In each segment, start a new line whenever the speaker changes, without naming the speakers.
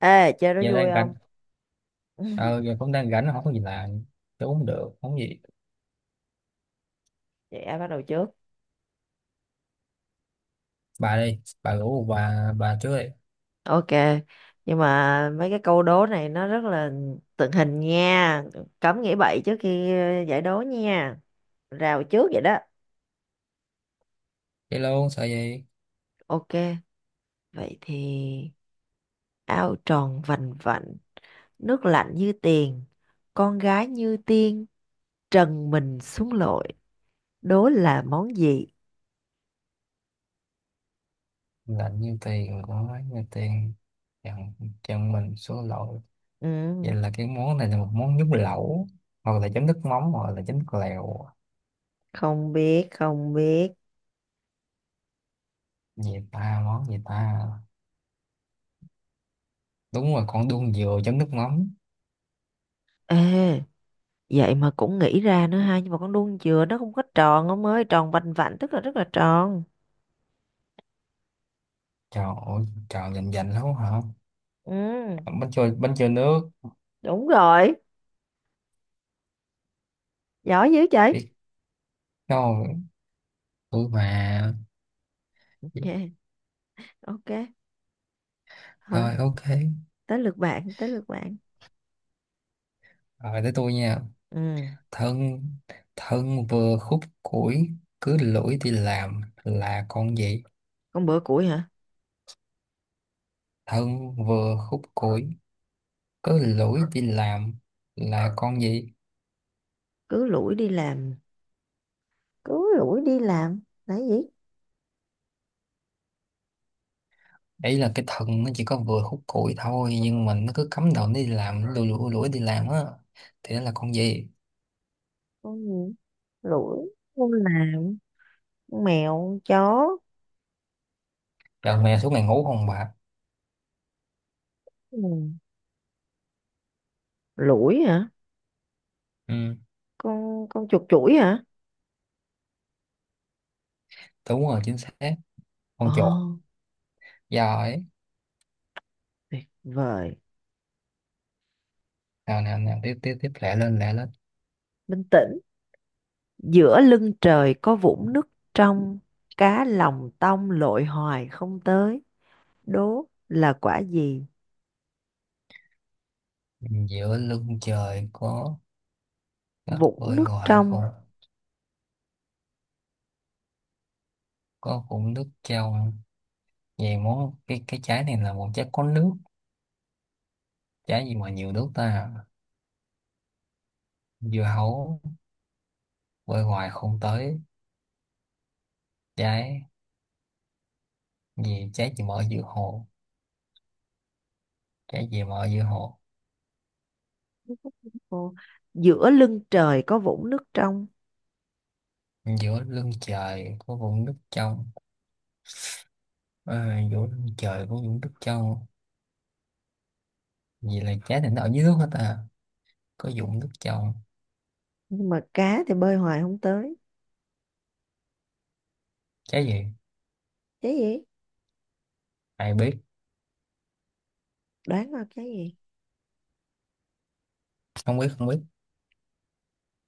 Ê, chơi đó
Giờ
vui
đang rảnh.
không?
Ờ, giờ cũng đang rảnh, không có gì làm. Tôi uống được không gì?
Vậy ai bắt đầu trước?
Bà đi, bà rủ bà trước đi.
Ok, nhưng mà mấy cái câu đố này nó rất là tượng hình nha. Cấm nghĩ bậy trước khi giải đố nha. Rào trước vậy đó.
Đi luôn, sợ gì.
Ok, vậy thì ao tròn vành vạnh, nước lạnh như tiền, con gái như tiên, trần mình xuống lội, đố là món gì?
Lạnh như tiền mà nói như tiền. Chẳng chẳng mình số lỗi.
Ừ,
Vậy là cái món này là một món nhúng lẩu, hoặc là chấm nước mắm hoặc là chấm nước lèo.
không biết, không biết.
Gì ta, món gì ta? Đúng rồi, con đuông dừa chấm nước mắm.
Ê, vậy mà cũng nghĩ ra nữa ha, nhưng mà con đuông dừa nó không có tròn ông ơi, tròn vành vạnh tức là rất là tròn.
Trời ơi trời, dành dành lắm hả?
Ừ,
Bánh trôi, bánh trôi nước.
đúng rồi, giỏi dữ vậy.
Biết đâu, tôi mà.
Ok, ok, thôi,
Rồi, ok.
tới lượt bạn.
Rồi tới tôi nha.
Ừ,
Thân thân vừa khúc củi, cứ lủi đi làm, là con gì?
con bữa củi hả?
Thân vừa khúc củi, cứ lủi đi làm, là con gì?
Cứ lủi đi làm, cứ lủi đi làm là cái gì?
Ấy là cái thân nó chỉ có vừa khúc củi thôi, nhưng mà nó cứ cắm đầu nó đi làm, nó lủi lủi lủi đi làm á, thì nó là con gì?
Con gì? Lủi, con làm, con mèo, con chó.
Giờ mẹ suốt ngày ngủ không bà?
Ừ. Lủi hả?
Ừ.
Con chuột chuỗi hả?
Đúng rồi, chính xác, con
Ồ,
chuột. Giỏi.
tuyệt vời.
Nào nào nào, tiếp tiếp tiếp, lẹ lên lẹ lên.
Bình tĩnh. Giữa lưng trời có vũng nước trong, cá lòng tông lội hoài không tới. Đố là quả gì?
Giữa lưng trời có,
Vũng
bơi
nước
hoài
trong.
không, có vũng nước trong. Vậy món, cái trái này là một trái có nước. Trái gì mà nhiều nước ta? Dưa hấu. Bơi hoài không tới. Trái gì? Trái gì mà ở giữa hồ? Trái gì mà ở giữa hồ?
Ồ, giữa lưng trời có vũng nước trong,
Giữa lưng trời có vũng nước trong. À, giữa lưng trời có vũng nước trong. Vì là trái này nó ở dưới nước hết à, có vũng nước trong.
nhưng mà cá thì bơi hoài không tới.
Trái gì?
Trái gì?
Ai biết.
Đoán coi trái gì?
Không biết, không biết.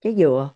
Trái dừa.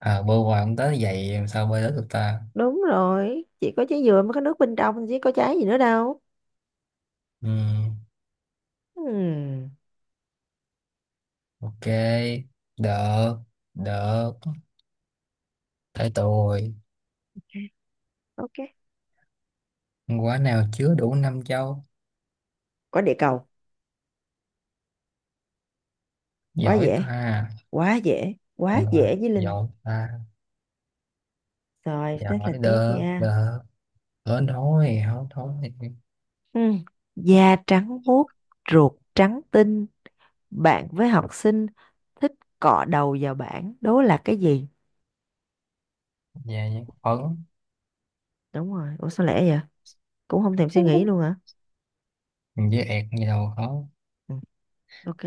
À, bơi hoài không tới, vậy làm sao bơi tới được ta?
Đúng rồi, chỉ có trái dừa mới có nước bên trong, chứ có trái gì nữa đâu.
Ừm,
Hmm,
ok, được, được. Tới tôi.
ok.
Quả nào chứa đủ năm châu?
Quả địa cầu. Quá
Giỏi
dễ,
ta.
quá dễ,
Ừ,
quá dễ với Linh.
giỏi ta.
Rồi, thế là
Giỏi
tiếp
đơ
nha.
đơ. Hớn thôi.
Ừ. Da trắng muốt, ruột trắng tinh, bạn với học sinh thích cọ đầu vào bảng, đố là cái gì?
Về những phấn.
Đúng rồi, ủa sao lẽ vậy? Cũng không thèm suy nghĩ luôn hả?
Với ẹt gì đâu khó.
Ừ. Ok,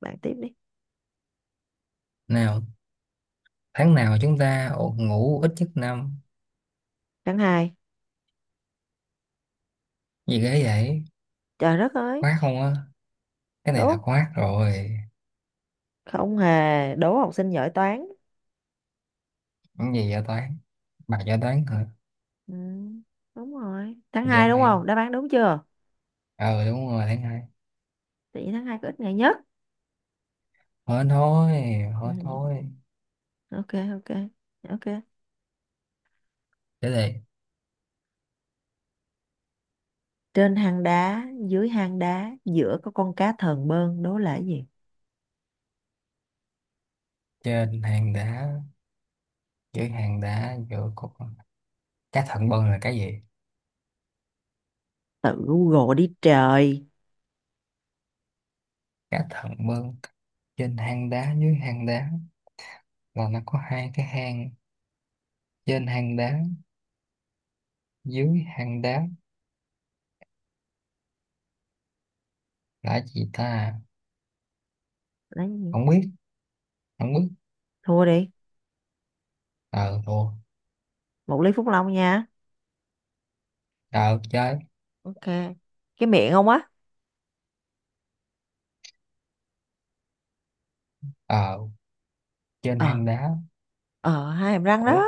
bạn tiếp đi.
Nào. Tháng nào chúng ta ngủ ít nhất năm?
Tháng hai.
Gì ghê vậy.
Trời đất ơi,
Khoát không á? Cái này
đố,
là khoát rồi.
không hề, đố học sinh giỏi toán.
Cái gì vậy, toán? Bà cho toán hả?
Ừ. Đúng rồi, tháng
Dã
2 đúng không?
man.
Đáp án đúng chưa?
Ờ đúng rồi, tháng hai.
Tại vì tháng 2 có ít ngày nhất.
hớn thôi
Ừ.
hớn thôi
Ok, ok, ok.
Để đây.
Trên hang đá, dưới hang đá, giữa có con cá thờn bơn, đố là cái gì?
Trên hàng đá, dưới hàng đá, giữa cục cá thận bơn, là cái gì?
Tự Google đi trời.
Cả thận mương. Trên hang đá, dưới hang đá, là nó có hai cái hang. Trên hang đá, dưới hang đá, là gì ta?
Đấy,
Không biết, không biết.
thua đi,
Ờ thua.
một ly Phúc Long nha.
Ờ chơi.
Ok, cái miệng không á.
Ờ. Trên
Ờ,
hang đá.
ờ, hai hàm răng đó.
Ủa.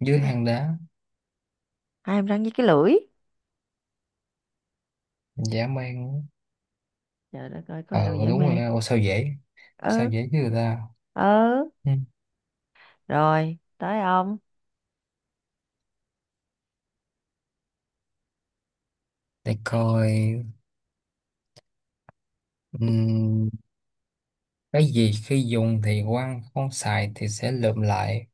Dưới
Ha,
hang đá.
hai hàm răng với cái lưỡi.
Dã man.
Trời đất ơi, có
Ờ
ai đâu dễ
đúng rồi,
mê.
ủa sao dễ. Sao
Ừ,
dễ chứ người ta.
ừ,
Ừ.
rồi tới ông.
Để coi. Ừm, cái gì khi dùng thì quăng, không xài thì sẽ lượm lại?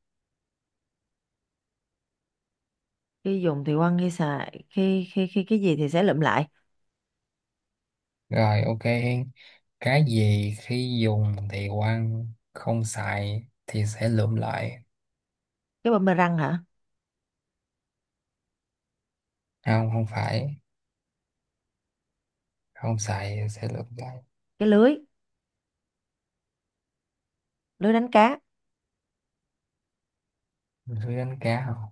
Khi dùng thì quăng, khi xài khi khi khi cái gì thì sẽ lụm lại?
Rồi ok Hiên. Cái gì khi dùng thì quăng, không xài thì sẽ lượm lại.
Cái răng hả?
Không, không phải. Không xài thì sẽ lượm lại.
Cái lưới, lưới đánh cá.
Lưới đánh cá không?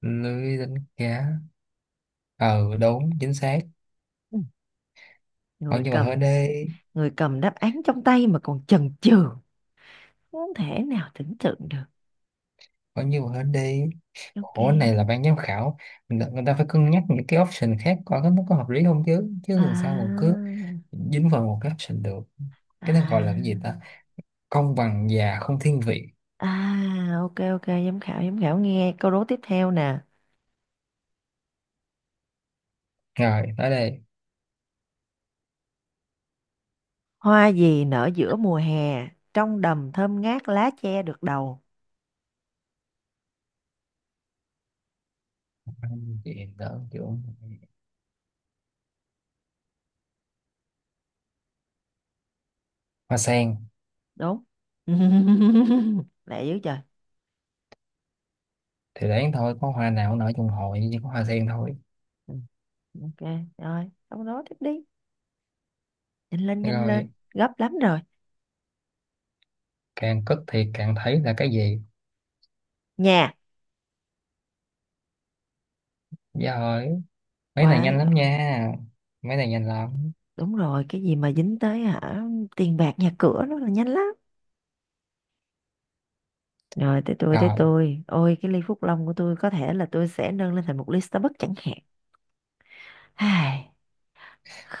Lưới đánh cá. Ừ đúng, chính xác.
Ừ,
Coi
người
như mà hên
cầm
đi.
người cầm đáp án trong tay mà còn chần chừ, không thể nào tưởng tượng được.
Coi như mà hên đi. Khổ này là
Ok,
ban giám khảo. Người người ta phải cân nhắc những cái option khác coi nó có hợp lý không chứ. Chứ
à,
làm sao mà cứ dính vào một cái option được.
à.
Cái đó gọi là cái gì ta? Công bằng và không thiên vị.
À, ok, ok, giám khảo, giám khảo nghe câu đố tiếp theo nè.
Rồi, tới đây.
Hoa gì nở giữa mùa hè, trong đầm thơm ngát lá che được đầu.
Thì đó kiểu hoa sen.
Đúng. Lẹ dữ trời.
Thì đáng thôi, có hoa nào cũng nở trong hội, chỉ có hoa sen thôi.
Ừ, ok, rồi, câu đố tiếp đi. Nhanh lên, nhanh lên,
Rồi.
gấp lắm rồi.
Càng cất thì càng thấy là cái gì?
Nhà.
Dạ rồi. Mấy này
Quá
nhanh lắm
giỏi.
nha. Mấy này nhanh lắm.
Đúng rồi, cái gì mà dính tới hả, tiền bạc nhà cửa nó là nhanh lắm. Rồi tới tôi tới
Rồi.
tôi. Ôi cái ly Phúc Long của tôi có thể là tôi sẽ nâng lên thành một ly Starbucks chẳng hạn. Ai,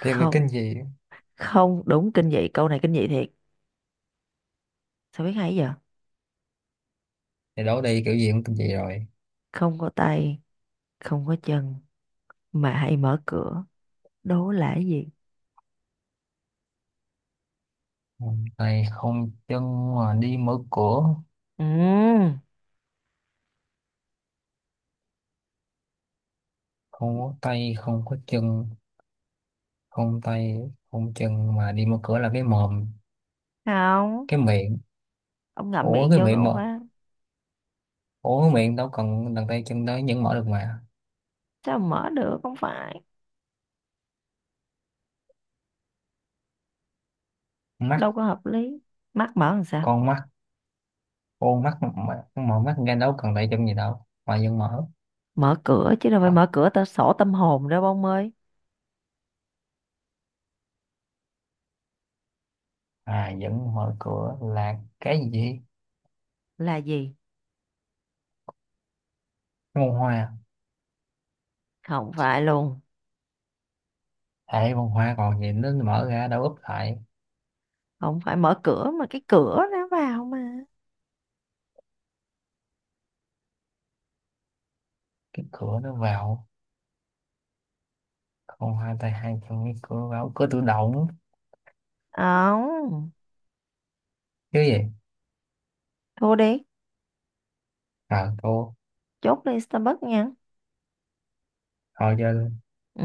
Tiếp là kinh dị.
không đúng, kinh dị, câu này kinh dị thiệt, sao biết hay giờ.
Thì đổ đi kiểu gì cũng kinh dị rồi.
Không có tay, không có chân mà hay mở cửa, đố là cái gì?
Không tay không chân mà đi mở cửa.
Ừ,
Không có tay không có chân. Không tay không chân mà đi mở cửa, là cái mồm.
không,
Cái miệng.
ông ngậm
Ủa
miệng
cái
vô cái
miệng
ổ
mà.
khóa
Ủa cái miệng đâu cần đằng tay chân đó vẫn mở được mà.
sao mà mở được, không phải,
Mắt,
đâu có hợp lý, mắt mở làm sao
con mắt. Ô mắt mà- mờ mắt ra đâu cần tại chân gì đâu mà vẫn mở.
mở cửa, chứ đâu phải
À,
mở cửa ta sổ tâm hồn đâu ông ơi.
à vẫn mở cửa là cái gì?
Là gì?
Bông hoa.
Không phải luôn,
Hệ bông hoa còn gì, nó mở ra đâu úp lại.
không phải mở cửa mà cái cửa nó vào mà.
Cái cửa nó vào. Bông hoa tay hai chân, cái cửa vào, cửa tự động
Không,
chứ gì.
thua đi,
À cô.
chốt đi Starbucks nha.
Thôi chơi luôn.
Ừ,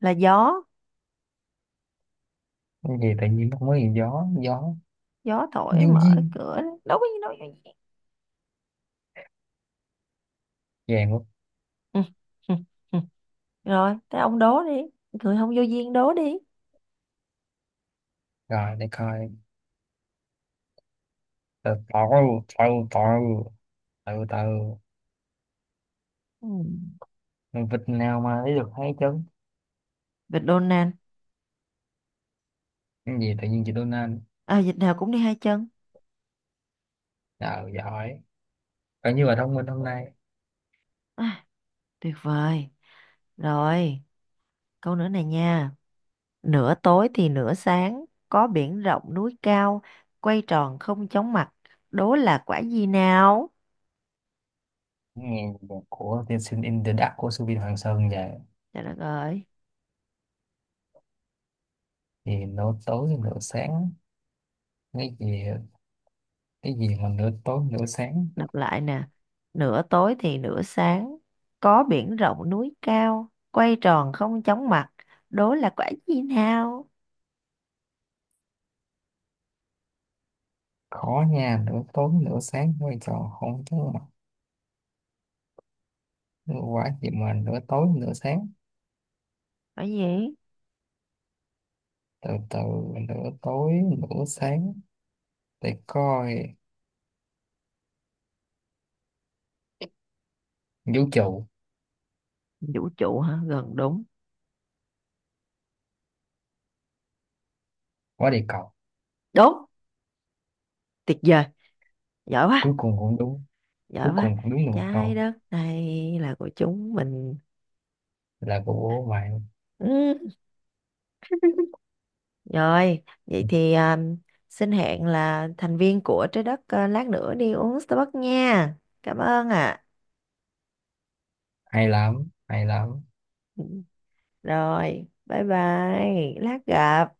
là gió,
Cái gì tự nhiên không có gì, gió gió.
gió thổi
Du
mở
duyên.
cửa đấy. Đố cái gì? Đố cái gì?
Vàng quá.
Ừ. Ừ. Ừ. Rồi tới ông đố đi, người không vô duyên đố đi.
Rồi để coi. Từ từ từ từ từ từ
Ừ.
Mình vịt nào mà lấy được hai chân?
Vịt Donald.
Cái gì tự nhiên chị Donna.
À, vịt nào cũng đi hai chân.
Nào giỏi. Và như ở thông minh hôm nay.
À, tuyệt vời. Rồi, câu nữa này nha. Nửa tối thì nửa sáng, có biển rộng núi cao, quay tròn không chóng mặt, đố là quả gì nào?
Nghe nhạc của tiên sinh In The Dark của Subin Hoàng Sơn về.
Trời đất ơi.
Thì nửa tối nửa sáng. Cái gì? Cái gì mà nửa tối nửa sáng?
Đọc lại nè. Nửa tối thì nửa sáng, có biển rộng núi cao, quay tròn không chóng mặt, đố là quả gì nào?
Khó nha, nửa tối nửa sáng, quay trò không thú mặt. Quá gì mà nửa tối nửa sáng?
Quả gì?
Từ từ. Nửa tối, nửa sáng. Để coi. Vũ trụ.
Vũ trụ hả? Gần đúng.
Quá địa cầu.
Đúng, tuyệt vời. Giỏi
Cuối
quá,
cùng cũng đúng.
giỏi
Cuối
quá.
cùng cũng đúng một
Trái
câu.
đất này là của chúng mình.
Là của bạn.
Ừ. Rồi, vậy thì xin hẹn là thành viên của trái đất lát nữa đi uống Starbucks nha. Cảm ơn ạ.
Hay lắm, hay lắm.
Ừ. Rồi, bye bye, lát gặp.